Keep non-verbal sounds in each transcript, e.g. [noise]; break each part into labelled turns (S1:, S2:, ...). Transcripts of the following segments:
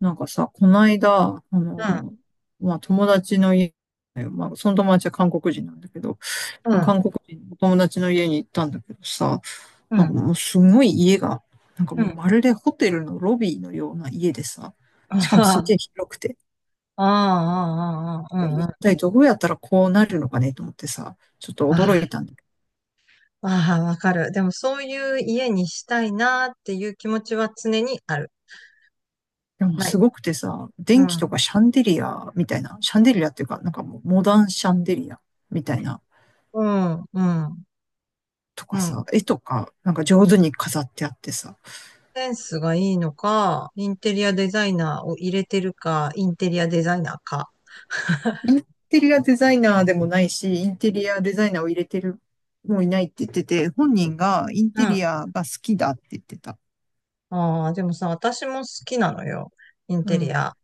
S1: なんかさ、こないだ、
S2: うん、
S1: まあ、友達の家、まあ、その友達は韓国人なんだけど、
S2: うん、
S1: 韓国人の友達の家に行ったんだけどさ、
S2: う
S1: なんか
S2: ん、
S1: もうすごい家が、なんか
S2: う
S1: もう
S2: ん。
S1: まるでホテルのロビーのような家でさ、
S2: [laughs]
S1: し
S2: あ
S1: かもすげ
S2: あ、
S1: え広くて、
S2: ああ、ああ、う
S1: いや、
S2: ん、うん。
S1: 一
S2: あ
S1: 体どうやったらこうなるのかねと思ってさ、ちょっと驚い
S2: あ、
S1: たんだけ
S2: ああわかる。でもそういう家にしたいなっていう気持ちは常にある。
S1: ど、でも
S2: な
S1: す
S2: い。
S1: ごくてさ、
S2: う
S1: 電気と
S2: ん、
S1: かシャンデリアみたいな、シャンデリアっていうか、なんかもうモダンシャンデリアみたいな、
S2: うん、うん、
S1: と
S2: う
S1: かさ、
S2: ん。
S1: 絵とか、なんか上手に飾ってあってさ、
S2: センスがいいのか、インテリアデザイナーを入れてるか、インテリアデザイナーか。
S1: インテリアデザイナーでもないし、インテリアデザイナーを入れてる、もういないって言ってて、本人がイン
S2: う
S1: テ
S2: ん。
S1: リアが好きだって言ってた。
S2: ああ、でもさ、私も好きなのよ。イン
S1: う
S2: テリ
S1: ん。
S2: ア。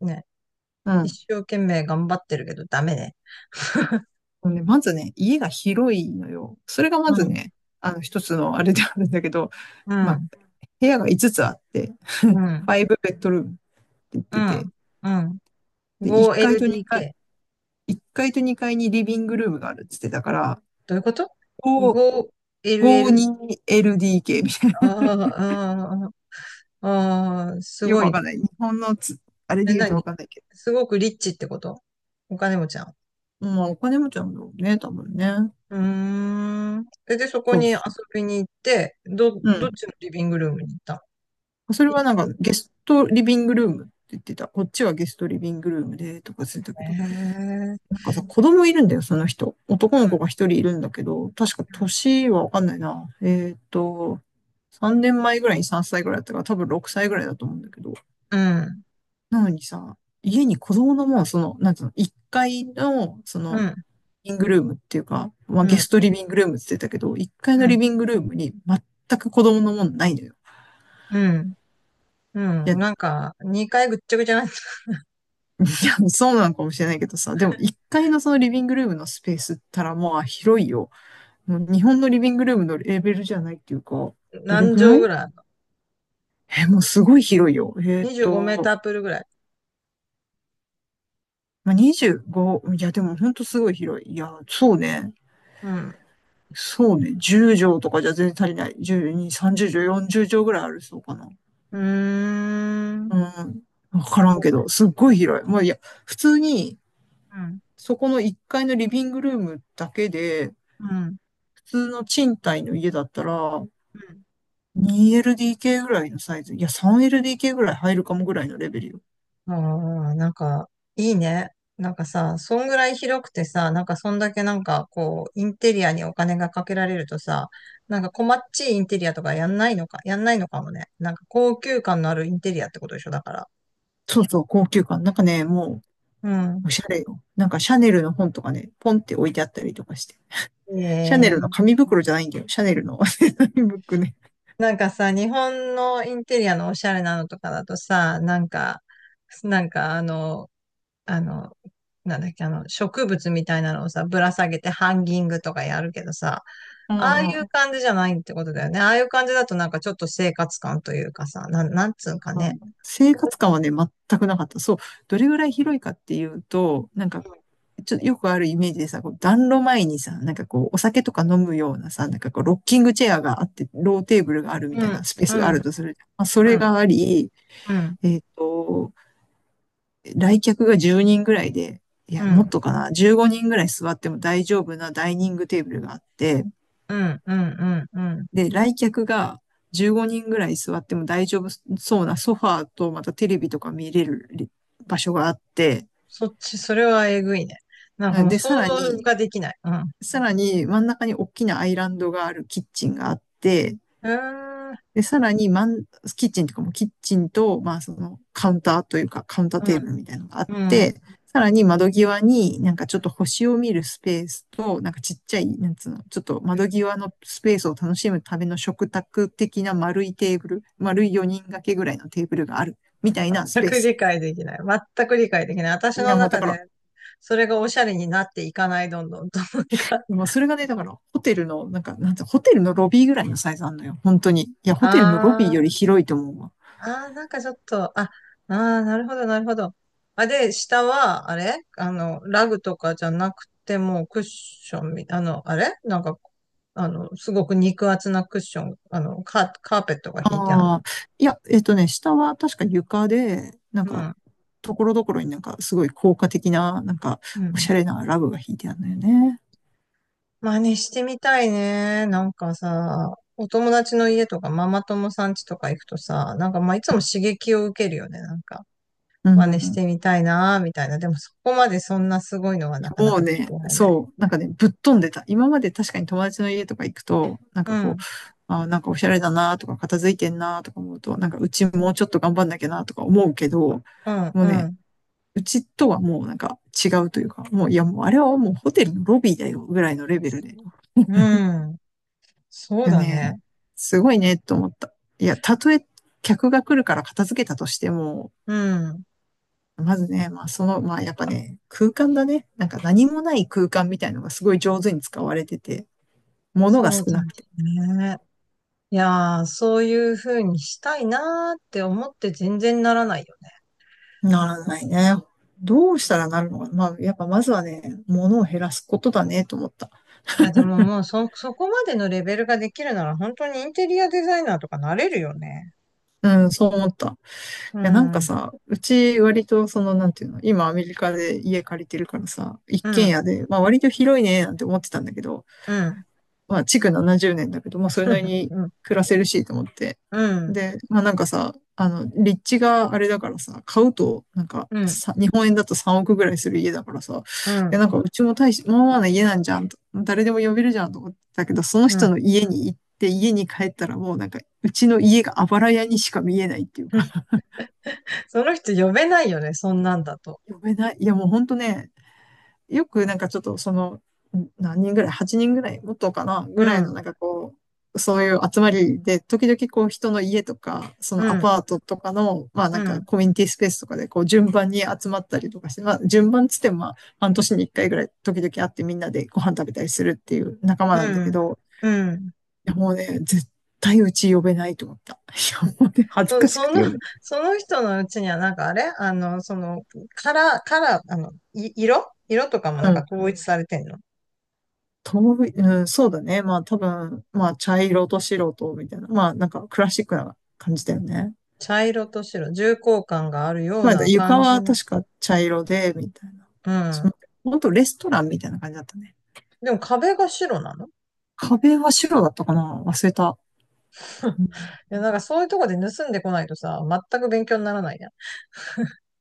S2: ね。
S1: うん。
S2: 一生懸命頑張ってるけどダメね。
S1: ね、まずね、家が広いのよ。それがま
S2: う
S1: ず
S2: ん、
S1: ね、あの、一つのあれであるんだけど、
S2: う
S1: まあ、
S2: ん、
S1: 部屋が5つつあって、[laughs]
S2: うん、
S1: 5ベッドルームって言っ
S2: う
S1: てて、
S2: ん、うん。
S1: で、1階と2階、
S2: 5LDK。
S1: 1階と2階にリビングルームがあるって言ってたから、
S2: どういうこと？
S1: こう
S2: 5LL。
S1: 52LDK みたい
S2: あ
S1: な。
S2: あ、ああ、ああ、
S1: [laughs]
S2: す
S1: よ
S2: ご
S1: く
S2: い
S1: わ
S2: ね。
S1: かんない。日本のつ、あれ
S2: え、
S1: で言うとわ
S2: 何？
S1: かんないけ
S2: すごくリッチってこと？お金持ちなの？
S1: ど。まあ、お金持ちなんだろうね、多分ね。
S2: うーん。え、で、そこ
S1: そう
S2: に遊
S1: そ
S2: びに行って、ど、
S1: う。う
S2: どっ
S1: ん。
S2: ちのリビングルームに行った
S1: それはなんか、ゲストリビングルームって言ってた。こっちはゲストリビングルームで、とかついた
S2: の？
S1: けど。
S2: へえ。
S1: なんかさ、子供いるんだよ、その人。男の子が一人いるんだけど、確か年はわかんないな。3年前ぐらいに3歳ぐらいだったから、多分6歳ぐらいだと思うんだけど。
S2: うん、
S1: なのにさ、家に子供のもう、その、なんつうの、1階の、そ
S2: う
S1: の、
S2: ん、
S1: リビングルームっていうか、まあ、
S2: うん、う
S1: ゲス
S2: ん、
S1: トリビングルームって言ってたけど、1階のリビングルームに全く子供のもんないのよ。
S2: うん、う
S1: いや、
S2: ん。
S1: い
S2: なんか、2回ぐっちゃぐちゃな、[laughs]
S1: や、そうなのかもしれないけどさ、でも1階のそのリビングルームのスペースったらまあ広いよ。もう日本のリビングルームのレベルじゃないっていうか、どれ
S2: 何
S1: ぐら
S2: 畳ぐ
S1: い
S2: らいあるの？
S1: え、もうすごい広いよ。
S2: 25 メータープールぐらい。
S1: まあ、25、いや、でもほんとすごい広い。いや、そうね。
S2: うん。
S1: そうね。10畳とかじゃ全然足りない。12、30畳、40畳ぐらいあるそうかな。
S2: うーん。
S1: うん。わか
S2: あ、
S1: らん
S2: こ
S1: けど、すっごい広い。もういや、普通に、
S2: う、うん、
S1: そこの1階のリビングルームだけで、
S2: うん。
S1: 普通の賃貸の家だったら、
S2: うん。
S1: 2LDK ぐらいのサイズ。いや、3LDK ぐらい入るかもぐらいのレベルよ。
S2: あー、なんか、いいね。なんかさ、そんぐらい広くてさ、なんかそんだけなんかこう、インテリアにお金がかけられるとさ、なんかこっちいインテリアとかやんないのか、やんないのかもね。なんか高級感のあるインテリアってことでしょ、だから。
S1: そうそう、高級感。なんかね、も
S2: うん。
S1: う、おしゃれよ。なんかシャネルの本とかね、ポンって置いてあったりとかして。シャネルの
S2: ええ、
S1: 紙袋じゃないんだよ。シャネルの [laughs] 紙袋ね。
S2: なんかさ、日本のインテリアのおしゃれなのとかだとさ、なんか、なんかあの、あの、なんだっけ、植物みたいなのをさ、ぶら下げてハンギングとかやるけどさ、
S1: う
S2: ああい
S1: ん
S2: う
S1: うん
S2: 感じじゃないってことだよね。ああいう感じだとなんかちょっと生活感というかさ、なん、なんつうんか
S1: あ
S2: ね。
S1: 生活感はね、全くなかった。そう。どれぐらい広いかっていうと、なんか、ちょっとよくあるイメージでさ、こう暖炉前にさ、なんかこう、お酒とか飲むようなさ、なんかこう、ロッキングチェアがあって、ローテーブルがあるみ
S2: う
S1: たい
S2: ん、
S1: なスペース
S2: う
S1: がある
S2: ん、
S1: とする。まあ、そ
S2: う
S1: れ
S2: ん、
S1: があり、
S2: うん、
S1: えっと、来客が10人ぐらいで、い
S2: う
S1: や、もっ
S2: ん、
S1: とかな、15人ぐらい座っても大丈夫なダイニングテーブルがあって、
S2: うん、うん、うん。うん。
S1: で、来客が15人ぐらい座っても大丈夫そうなソファーとまたテレビとか見れる場所があって、
S2: そっち、それはえぐいね。なんかもう
S1: で、
S2: 想
S1: さら
S2: 像
S1: に、
S2: ができない。うん。う
S1: さらに真ん中に大きなアイランドがあるキッチンがあって、
S2: ーん、
S1: で、さらに、マンキッチンとかも、キッチンと、まあ、その、カウンターというか、カウンター
S2: う
S1: テ
S2: ん、
S1: ーブルみたいなのがあっ
S2: うん。
S1: て、さらに窓際になんかちょっと星を見るスペースと、なんかちっちゃい、なんつうの、ちょっと窓際のスペースを楽しむための食卓的な丸いテーブル、丸い4人掛けぐらいのテーブルがある、みたいなス
S2: 全
S1: ペー
S2: く
S1: ス。
S2: 理解できない。全く理解できない。私の
S1: な、もうだ
S2: 中
S1: から、
S2: で、それがおしゃれになっていかない、どんどんと。なんか、
S1: もうそれがね、だから、ホテルの、なんか、なんつうのホテルのロビーぐらいのサイズあんのよ。本当に。いや、ホテルのロビーより
S2: あ
S1: 広いと思うわ。
S2: ああ、なんかちょっと、あ、ああ、なるほど、なるほど。あ、で、下は、あれあの、ラグとかじゃなくて、もうクッションみ、あの、あれなんか、あの、すごく肉厚なクッション、カーペットが敷いてあ
S1: ああ、
S2: る。
S1: いや、下は確か床で、なん
S2: う
S1: か、
S2: ん。
S1: ところどころになんか、すごい効果的な、なんか、
S2: う
S1: おし
S2: ん。
S1: ゃれなラブが引いてあるのよね。
S2: 真似してみたいね。なんかさ、お友達の家とかママ友さん家とか行くとさ、なんかまあいつも刺激を受けるよね。なんか、
S1: う
S2: 真似し
S1: ん。
S2: てみたいな、みたいな。でもそこまでそんなすごいのは
S1: い
S2: なか
S1: や
S2: な
S1: もう
S2: か
S1: ね、
S2: 出会えない。
S1: そう、なんかね、ぶっ飛んでた。今まで確かに友達の家とか行くと、なん
S2: う
S1: かこう、
S2: ん。
S1: あー、なんかおしゃれだなとか、片付いてんなとか思うと、なんかうちもうちょっと頑張んなきゃなとか思うけど、
S2: うん、
S1: もう
S2: う
S1: ね、
S2: ん、
S1: うちとはもうなんか違うというか、もう、いやもうあれはもうホテルのロビーだよぐらいのレベルで
S2: うん。そう
S1: いや
S2: だね。
S1: ね、すごいね、と思った。いや、たとえ客が来るから片付けたとしても、
S2: うん。
S1: まずね、まあその、まあやっぱね、空間だね。なんか何もない空間みたいのがすごい上手に使われてて、物が
S2: そう
S1: 少
S2: だ
S1: なくて。
S2: ね。いやー、そういう風にしたいなーって思って全然ならないよね。
S1: ならないね。どうしたらなるのかまあ、やっぱまずはね、物を減らすことだね、と思った。
S2: いや、でももうそこまでのレベルができるなら本当にインテリアデザイナーとかなれるよね。
S1: うん、そう思った。い
S2: う
S1: や、なん
S2: ん、
S1: か
S2: うん、
S1: さ、うち割とその、なんていうの、今アメリカで家借りてるからさ、一軒家で、まあ割と広いね、なんて思ってたんだけど、
S2: うん、
S1: まあ、築70年だけど、まあ、それなりに
S2: うん、
S1: 暮らせるしと思って。
S2: うん、
S1: で、まあ、なんかさ、あの、立地があれだからさ、買うと、なんか
S2: うん、うん、
S1: さ、日本円だと3億ぐらいする家だからさ、で、なんか、うちも大し、まあまあな家なんじゃんと、誰でも呼べるじゃんと思ってたけど、その
S2: う
S1: 人
S2: ん。
S1: の家に行って、家に帰ったらもうなんか、うちの家があばら家にしか見えないっていう
S2: う
S1: か、
S2: ん。その人呼べないよね、そんなんだと。
S1: 呼べない。いや、もうほんとね、よくなんかちょっとその、何人ぐらい？ 8 人ぐらいもっとかなぐ
S2: う
S1: らいの
S2: ん、
S1: なんかこう、そういう集まりで、時々こう人の家とか、そ
S2: う
S1: のア
S2: ん、
S1: パートとかの、まあ
S2: う
S1: なんか
S2: ん、
S1: コミュニティスペースとかでこう順番に集まったりとかして、まあ順番つってもまあ半年に1回ぐらい時々会ってみんなでご飯食べたりするっていう仲間
S2: う
S1: なんだけ
S2: ん、
S1: ど、
S2: うん。
S1: いやもうね、絶対うち呼べないと思った。いやもうね、恥ず
S2: そう、
S1: かしくて呼
S2: [laughs]
S1: べない。
S2: その人のうちには、なんかあれあの、その、カラー、色とかも
S1: う
S2: なんか
S1: ん
S2: 統一されてんの？
S1: とび、うん、そうだね。まあ多分、まあ茶色と白とみたいな。まあなんかクラシックな感じだよね。
S2: 茶色と白、重厚感があるよう
S1: まあ
S2: な
S1: 床
S2: 感じ
S1: は
S2: の。
S1: 確か茶色で、みたいな
S2: う
S1: 感じ。
S2: ん。
S1: ほんとレストランみたいな感じだったね。
S2: でも壁が白なの？
S1: 壁は白だったかな忘れた。
S2: [laughs]
S1: うん
S2: いや、なんかそういうとこで盗んでこないとさ、全く勉強にならないやん。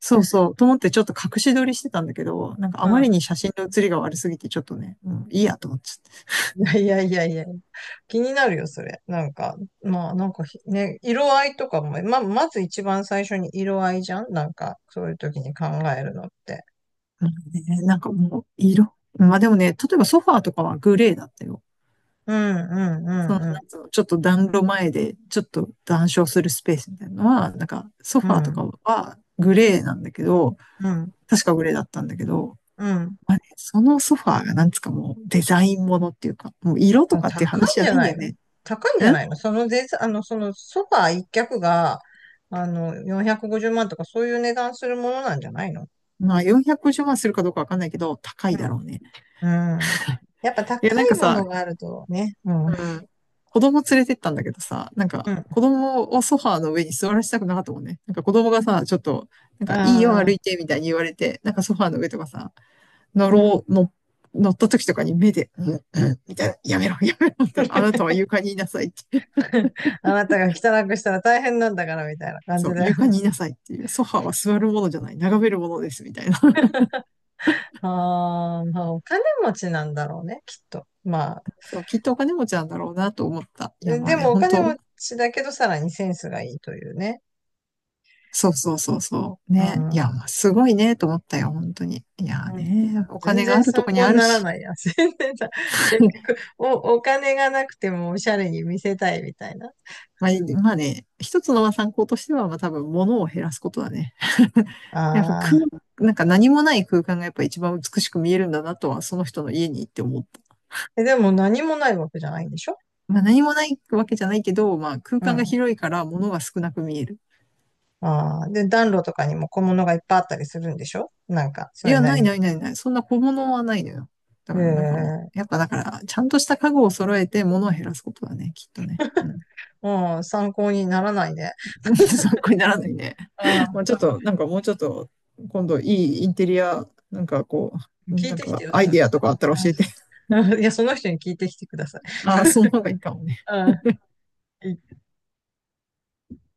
S1: そうそう。と思ってちょっと隠し撮りしてたんだけど、なんかあ
S2: う
S1: まり
S2: ん。
S1: に写真の写りが悪すぎてちょっとね、もういいやと思っちゃって。
S2: いやいやいやいや。気になるよ、それ。なんか、まあ、なんかひね、色合いとかも、まず一番最初に色合いじゃん、なんか、そういう時に考えるのって。
S1: うんねなんかもう色。まあでもね、例えばソファーとかはグレーだったよ。
S2: うん、う
S1: そ
S2: ん、
S1: の、
S2: う
S1: な
S2: ん、
S1: んつうの、ちょっと暖炉前で、ちょっと談笑するスペースみたいなのは、なんか、ソ
S2: う
S1: ファーとか
S2: ん、
S1: はグレーなんだけど、
S2: うん、
S1: 確かグレーだったんだけど、
S2: うん。
S1: まあね、そのソファーがなんつうかもうデザインものっていうか、もう色と
S2: あ、
S1: かっていう
S2: 高
S1: 話
S2: い
S1: じ
S2: ん
S1: ゃ
S2: じ
S1: な
S2: ゃ
S1: いんだ
S2: ない
S1: よ
S2: の？
S1: ね。
S2: 高いん
S1: ん
S2: じゃないの？そのぜ、あの、そのソファー一脚が、450万とかそういう値段するものなんじゃないの？
S1: まあ450万するかどうかわかんないけど、高いだろうね。
S2: うん。うん。やっぱ高
S1: いや、なんか
S2: いも
S1: さ、
S2: のがあるとね。うん。うん。
S1: うん、子供連れてったんだけどさ、なんか子供をソファーの上に座らせたくなかったもんね。なんか子供がさ、ちょっと、なんかいいよ
S2: あ
S1: 歩い
S2: あ、
S1: てみたいに言われて、なんかソファーの上とかさ、乗
S2: うん。
S1: ろう、の、乗った時とかに目で、うん、うん、みたいな、やめろ、[laughs] やめろ、みたいな、あなたは床にいなさいって。
S2: [laughs] あなたが汚くしたら大変なんだからみたいな感
S1: そ
S2: じ
S1: う、
S2: で。
S1: 床にいなさいっていう、ソファーは座るものじゃない、眺めるものです、みたいな。[laughs]
S2: [laughs] ああ、まあお金持ちなんだろうね、きっと。まあ、
S1: そう、きっとお金持ちなんだろうなと思った。いや、まあ
S2: で
S1: ね、
S2: もお
S1: 本
S2: 金
S1: 当
S2: 持ちだけどさらにセンスがいいというね。
S1: そうそうそうそう。
S2: う
S1: ね。いや、まあ
S2: ん。
S1: すごいね、と思ったよ、本当に。いや
S2: うん。
S1: ね、お
S2: 全
S1: 金があ
S2: 然
S1: ると
S2: 参
S1: こに
S2: 考
S1: あ
S2: に
S1: る
S2: なら
S1: し。
S2: ないや。[laughs] 全然さ、結
S1: [laughs]
S2: 局、お金がなくてもおしゃれに見せたいみたいな。
S1: まあ、いまあね、一つのまあ参考としては、まあ多分物を減らすことだね。[laughs]
S2: あ
S1: やっぱ空、
S2: あ。
S1: なんか何もない空間がやっぱ一番美しく見えるんだなとは、その人の家に行って思った。
S2: え、でも何もないわけじゃないんでしょ？
S1: まあ何もないわけじゃないけど、まあ空
S2: う
S1: 間が
S2: ん。
S1: 広いから物が少なく見える。
S2: ああ。で、暖炉とかにも小物がいっぱいあったりするんでしょ？なんか、そ
S1: い
S2: れ
S1: や、
S2: な
S1: な
S2: り
S1: い
S2: に。
S1: ないないない。そんな小物はないのよ。だ
S2: え
S1: からなんかも
S2: え。
S1: う、やっぱだから、ちゃんとした家具を揃えて物を減らすことだね、きっとね。うん。
S2: うん、参考にならないね。
S1: [laughs] 参考にならないね。
S2: あ
S1: まあ、ちょっ
S2: あ。
S1: と、なんかもうちょっと、今度いいインテリア、なんかこう、
S2: 聞い
S1: なん
S2: てき
S1: か
S2: てよ、
S1: ア
S2: そ
S1: イ
S2: の人。
S1: ディアとかあったら
S2: う
S1: 教
S2: ん。
S1: えて。[laughs]
S2: [laughs] いや、その人に聞いてきてください。
S1: ああ、その方がいいかもね。
S2: うん。